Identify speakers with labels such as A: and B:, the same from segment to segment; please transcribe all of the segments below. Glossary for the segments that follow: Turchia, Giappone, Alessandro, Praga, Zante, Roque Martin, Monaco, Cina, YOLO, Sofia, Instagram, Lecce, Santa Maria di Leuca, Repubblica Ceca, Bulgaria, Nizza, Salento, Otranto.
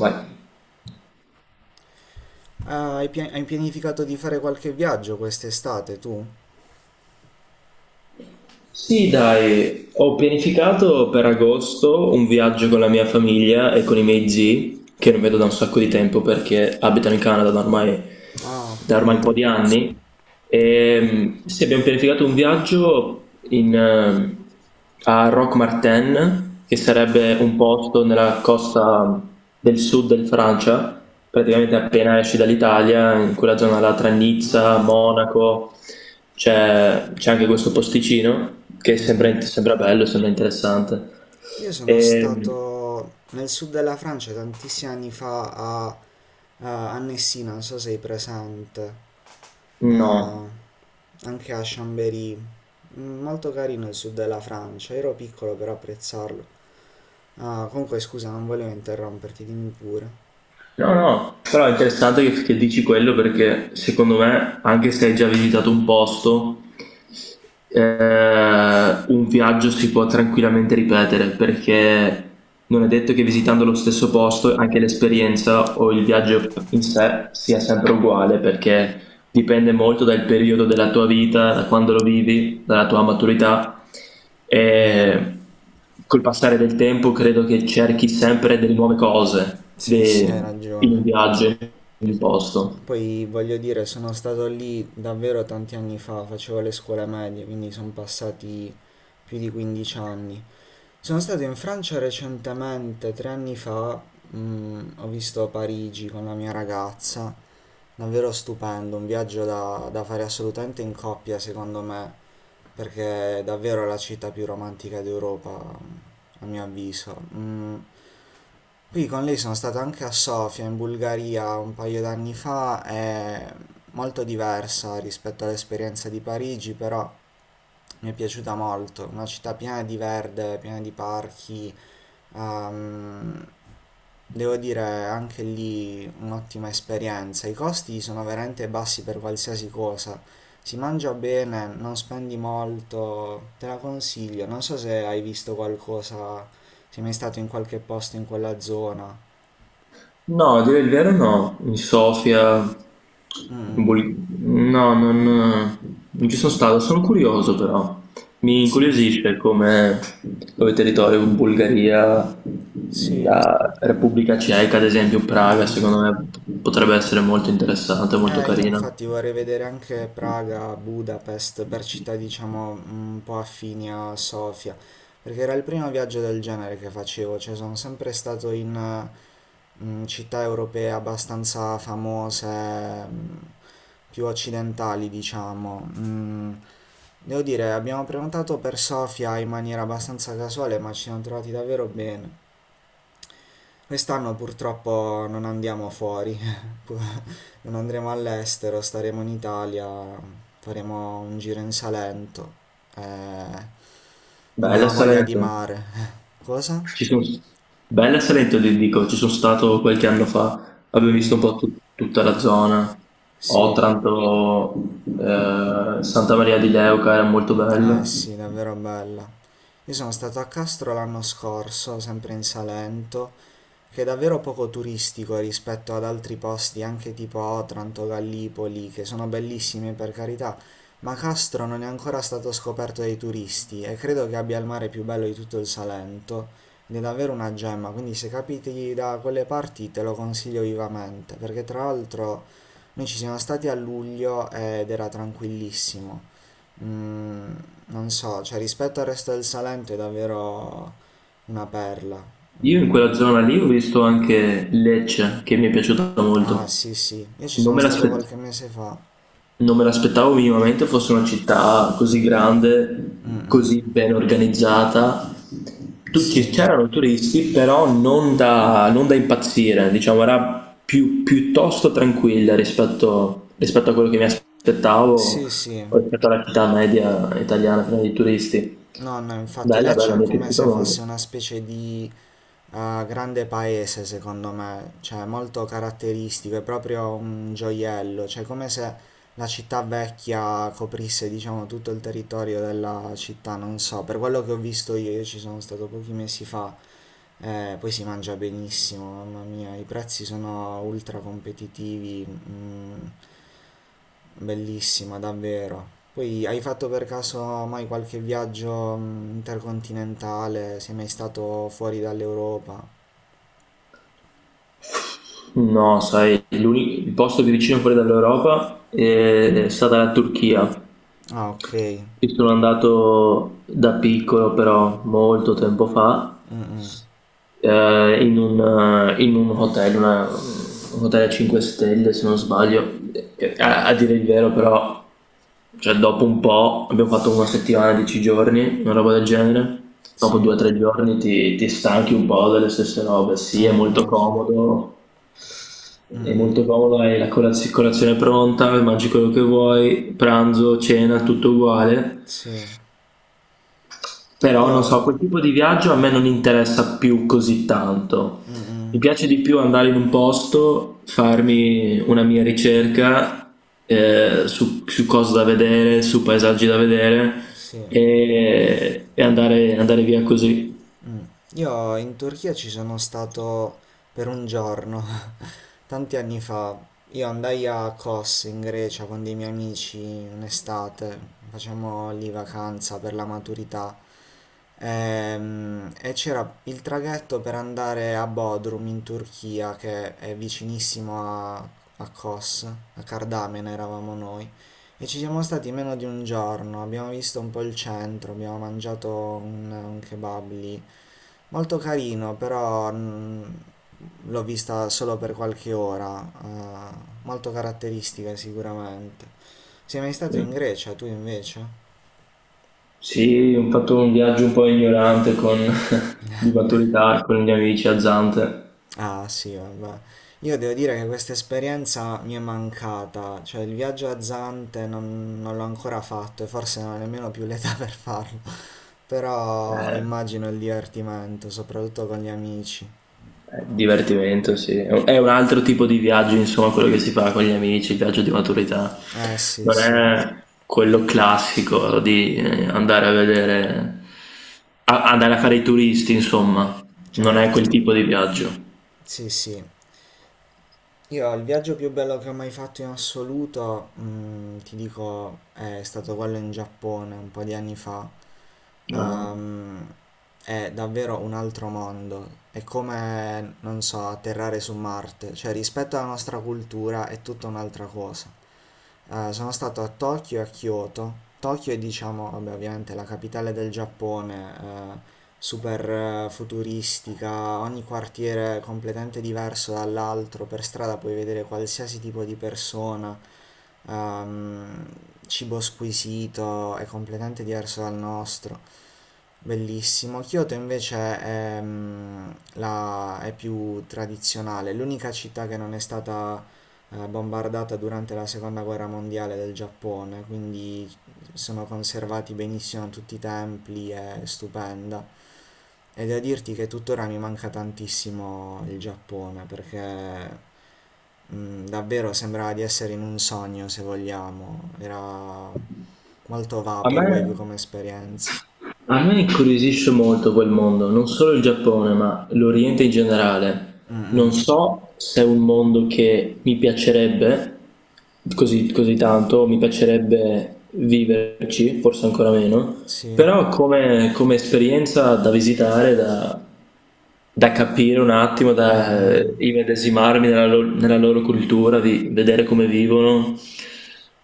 A: Vai.
B: Ah, hai pianificato di fare qualche viaggio quest'estate tu?
A: Sì, dai, ho pianificato per agosto un viaggio con la mia famiglia e con i miei zii, che non vedo da un sacco di tempo perché abitano in Canada da ormai
B: Ah, ok.
A: un po' di anni. Sì, abbiamo pianificato un viaggio a Roque Martin, che sarebbe un posto nella costa del sud del Francia, praticamente appena esci dall'Italia, in quella zona là tra
B: No.
A: Nizza, Monaco, c'è anche questo posticino che
B: Mm,
A: sembra,
B: mm.
A: sembra bello, sembra interessante.
B: Io sono
A: E,
B: stato nel sud della Francia tantissimi anni fa a Messina, non so se sei presente, a-
A: no.
B: anche a Chambéry. Molto carino il sud della Francia, ero piccolo per apprezzarlo. Ah, comunque scusa, non volevo interromperti, dimmi pure.
A: No, no, però è interessante che, dici quello perché secondo me, anche se hai già visitato un posto, un viaggio si può tranquillamente ripetere perché non è detto che visitando lo stesso posto anche l'esperienza o il viaggio in sé sia sempre uguale, perché dipende molto dal periodo della tua vita, da quando lo vivi, dalla tua maturità,
B: Vero.
A: e col passare del tempo credo che cerchi sempre delle nuove cose
B: Sì, sì, hai
A: in un
B: ragione.
A: viaggio, in un posto.
B: Poi voglio dire, sono stato lì davvero tanti anni fa, facevo le scuole medie, quindi sono passati più di 15 anni. Sono stato in Francia recentemente, 3 anni fa, ho visto Parigi con la mia ragazza, davvero stupendo, un viaggio da fare assolutamente in coppia secondo me, perché è davvero la città più romantica d'Europa, a mio avviso. Poi con lei sono stato anche a Sofia, in Bulgaria, un paio d'anni fa, è molto diversa rispetto all'esperienza di Parigi, però mi è piaciuta molto, una città piena di verde, piena di parchi, ehm, devo dire anche lì un'ottima esperienza, i costi sono veramente bassi per qualsiasi cosa, si mangia bene, non spendi molto, te la consiglio, non so se hai visto qualcosa, se sei mai stato in qualche posto in quella zona.
A: No, a dire il vero no, in Sofia,
B: Mm,
A: in
B: mm.
A: Bul- no, non, non ci sono stato, sono curioso però, mi
B: Sì,
A: incuriosisce come territorio, Bulgaria,
B: sì.
A: la Repubblica Ceca, ad esempio
B: Mm.
A: Praga,
B: Mm.
A: secondo me potrebbe essere molto interessante, molto
B: Io
A: carina.
B: infatti vorrei vedere anche Praga, Budapest, per città diciamo un po' affini a Sofia, perché era il primo viaggio del genere che facevo, cioè sono sempre stato in città europee abbastanza famose, più occidentali diciamo. Devo dire, abbiamo prenotato per Sofia in maniera abbastanza casuale, ma ci siamo trovati davvero bene. Quest'anno purtroppo non andiamo fuori, pu- non andremo all'estero, staremo in Italia, faremo un giro in Salento. eh,
A: Bella
B: abbiamo voglia di
A: Salento.
B: mare. Cosa?
A: Ci son Bella Salento ti dico, ci sono stato qualche anno fa,
B: Mm,
A: abbiamo visto un
B: mm.
A: po' tutta la zona,
B: Sì.
A: Otranto, Santa Maria di Leuca era molto
B: Eh
A: bella.
B: sì, davvero bella. Io sono stato a Castro l'anno scorso, sempre in Salento, che è davvero poco turistico rispetto ad altri posti, anche tipo Otranto, Gallipoli, che sono bellissimi per carità, ma Castro non è ancora stato scoperto dai turisti e credo che abbia il mare più bello di tutto il Salento. Ed è davvero una gemma, quindi se capiti da quelle parti te lo consiglio vivamente, perché tra l'altro noi ci siamo stati a luglio ed era tranquillissimo. Mm, non so, cioè rispetto al resto del Salento è davvero una perla.
A: Io in
B: Mm.
A: quella zona lì ho visto anche Lecce, che mi è piaciuta
B: Ah, sì,
A: molto.
B: sì. Io ci
A: Non
B: sono
A: me
B: stato
A: l'aspettavo.
B: qualche mese fa.
A: Non me l'aspettavo minimamente fosse una città così grande,
B: Mm.
A: così ben organizzata. Tutti
B: Sì.
A: c'erano turisti, però non da impazzire, diciamo, piuttosto tranquilla rispetto a quello che mi aspettavo,
B: Sì, sì.
A: o rispetto alla città media italiana piena di turisti.
B: No, no, infatti
A: Bella, bella,
B: Lecce è
A: mi è
B: come
A: piaciuta
B: se
A: molto.
B: fosse una specie di grande paese, secondo me, cioè molto caratteristico, è proprio un gioiello, cioè come se la città vecchia coprisse, diciamo, tutto il territorio della città, non so, per quello che ho visto io. Io ci sono stato pochi mesi fa, poi si mangia benissimo, mamma mia, i prezzi sono ultra competitivi. Bellissima, davvero. Poi hai fatto per caso mai qualche viaggio intercontinentale? Sei mai stato fuori dall'Europa?
A: No, sai, il posto più vicino fuori dall'Europa è stata la Turchia.
B: Ah, ok.
A: Ci sono andato da piccolo, però molto tempo fa. In un hotel, una un hotel a 5 stelle se non sbaglio, che a dire il vero però, cioè dopo un po' abbiamo fatto una settimana, 10 giorni, una roba del genere, dopo
B: Sì,
A: 2 o 3 giorni ti stanchi un po' delle stesse robe. Sì, è molto
B: immagino.
A: comodo, è molto comodo, hai la colazione pronta, mangi quello che vuoi, pranzo, cena, tutto uguale.
B: Sì.
A: Però non so,
B: Io...
A: quel tipo di viaggio a me non interessa più così tanto.
B: Mm,
A: Mi
B: mm.
A: piace di più andare in un posto, farmi una mia ricerca su cose da vedere, su paesaggi da vedere,
B: Sì.
A: e andare, andare via così.
B: Io in Turchia ci sono stato per un giorno, tanti anni fa. Io andai a Kos in Grecia con dei miei amici un'estate, facciamo lì vacanza per la maturità. E c'era il traghetto per andare a Bodrum in Turchia, che è vicinissimo a Kos, a Cardamena eravamo noi. E ci siamo stati meno di un giorno, abbiamo visto un po' il centro, abbiamo mangiato un kebab lì. Molto carino, però l'ho vista solo per qualche ora, molto caratteristica sicuramente. Sei mai stato
A: Eh,
B: in Grecia, tu invece?
A: Sì, ho fatto un viaggio un po' ignorante di maturità con gli amici a Zante.
B: Ah sì, vabbè. Io devo dire che questa esperienza mi è mancata, cioè il viaggio a Zante non l'ho ancora fatto e forse non ho nemmeno più l'età per farlo, però
A: Eh,
B: immagino il divertimento, soprattutto con gli amici.
A: Divertimento, sì. È un altro tipo di viaggio, insomma, quello che si fa con gli amici, il viaggio di maturità.
B: Eh sì,
A: Non
B: sì,
A: è quello classico di andare a fare i turisti, insomma. Non è
B: certo,
A: quel tipo di viaggio.
B: sì sì. Io il viaggio più bello che ho mai fatto in assoluto, ti dico, è stato quello in Giappone un po' di anni fa.
A: No.
B: Ehm, è davvero un altro mondo. È come, non so, atterrare su Marte. Cioè, rispetto alla nostra cultura è tutta un'altra cosa. Sono stato a Tokyo e a Kyoto. Tokyo è, diciamo, vabbè, ovviamente la capitale del Giappone, eh, super futuristica, ogni quartiere completamente diverso dall'altro, per strada puoi vedere qualsiasi tipo di persona, ehm, cibo squisito, è completamente diverso dal nostro. Bellissimo. Kyoto invece è più tradizionale. L'unica città che non è stata bombardata durante la seconda guerra mondiale del Giappone, quindi sono conservati benissimo tutti i templi, è stupenda. E devo dirti che tuttora mi manca tantissimo il Giappone perché davvero sembrava di essere in un sogno, se vogliamo. Era molto
A: A me,
B: vaporwave come esperienza.
A: A me incuriosisce molto quel mondo, non solo il Giappone, ma l'Oriente in generale.
B: Mm,
A: Non
B: mm.
A: so se è un mondo che mi piacerebbe così tanto, mi piacerebbe viverci, forse ancora meno,
B: Sì.
A: però come esperienza da visitare, da capire un attimo,
B: Mm,
A: da
B: mm.
A: immedesimarmi nella loro cultura, di vedere come vivono,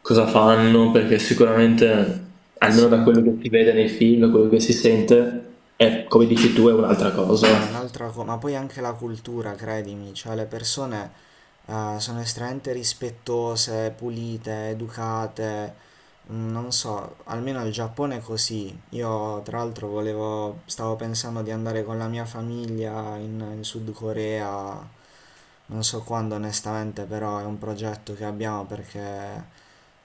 A: cosa fanno, perché sicuramente, almeno da
B: Sì.
A: quello che si vede nei film, da quello che si sente, è, come dici tu, è un'altra
B: No, è
A: cosa.
B: un'altra cosa, ma poi anche la cultura, credimi, cioè le persone sono estremamente rispettose, pulite, educate, non so, almeno il Giappone è così. Io tra l'altro volevo, stavo pensando di andare con la mia famiglia in Sud Corea, non so quando onestamente, però è un progetto che abbiamo perché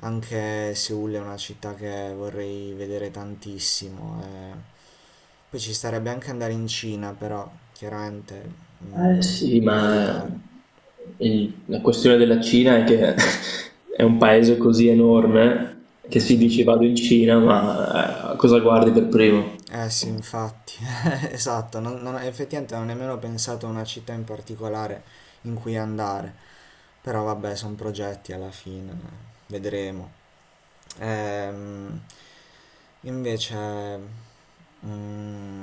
B: anche Seoul è una città che vorrei vedere tantissimo. Poi ci starebbe anche andare in Cina, però chiaramente
A: Eh
B: mm,
A: sì,
B: da
A: ma
B: valutare.
A: la questione della Cina è che è un paese così enorme
B: Mm,
A: che si dice
B: mm.
A: vado in Cina, ma cosa guardi per primo?
B: Eh sì, infatti, esatto, effettivamente non ho nemmeno pensato a una città in particolare in cui andare, però vabbè, sono progetti alla fine, vedremo. Ehm, invece, Mm.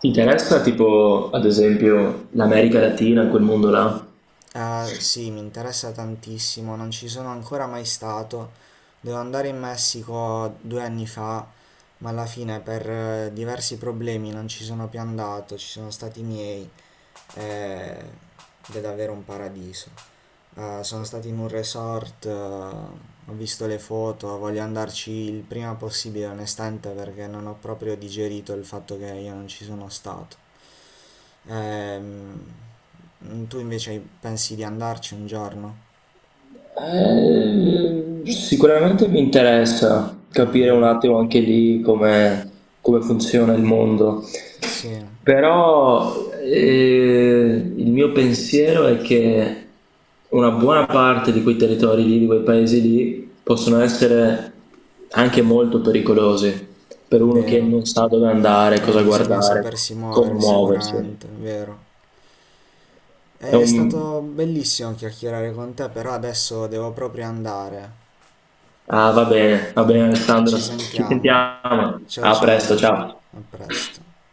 A: Ti interessa tipo, ad esempio, l'America Latina, quel mondo là?
B: Ah, sì, mi interessa tantissimo, non ci sono ancora mai stato. Dovevo andare in Messico 2 anni fa, ma alla fine per diversi problemi non ci sono più andato, ci sono stati i miei eh, ed è davvero un paradiso. Sono stato in un resort, ho visto le foto, voglio andarci il prima possibile, onestamente, perché non ho proprio digerito il fatto che io non ci sono stato. Tu invece pensi di andarci un giorno?
A: Sicuramente mi interessa
B: Mm,
A: capire un
B: mm,
A: attimo anche lì come, come funziona il mondo,
B: sì,
A: però il mio pensiero è che una buona parte di quei territori lì, di quei paesi lì, possono essere anche molto pericolosi per uno che
B: vero.
A: non sa dove andare,
B: Eh,
A: cosa
B: bisogna
A: guardare,
B: sapersi
A: come
B: muovere
A: muoversi.
B: sicuramente, vero.
A: È
B: È
A: un,
B: stato bellissimo chiacchierare con te, però adesso devo proprio andare.
A: Ah, va
B: Eh,
A: bene Alessandro.
B: Ci
A: Ci
B: sentiamo.
A: sentiamo.
B: Ciao
A: A presto,
B: ciao,
A: ciao.
B: a presto.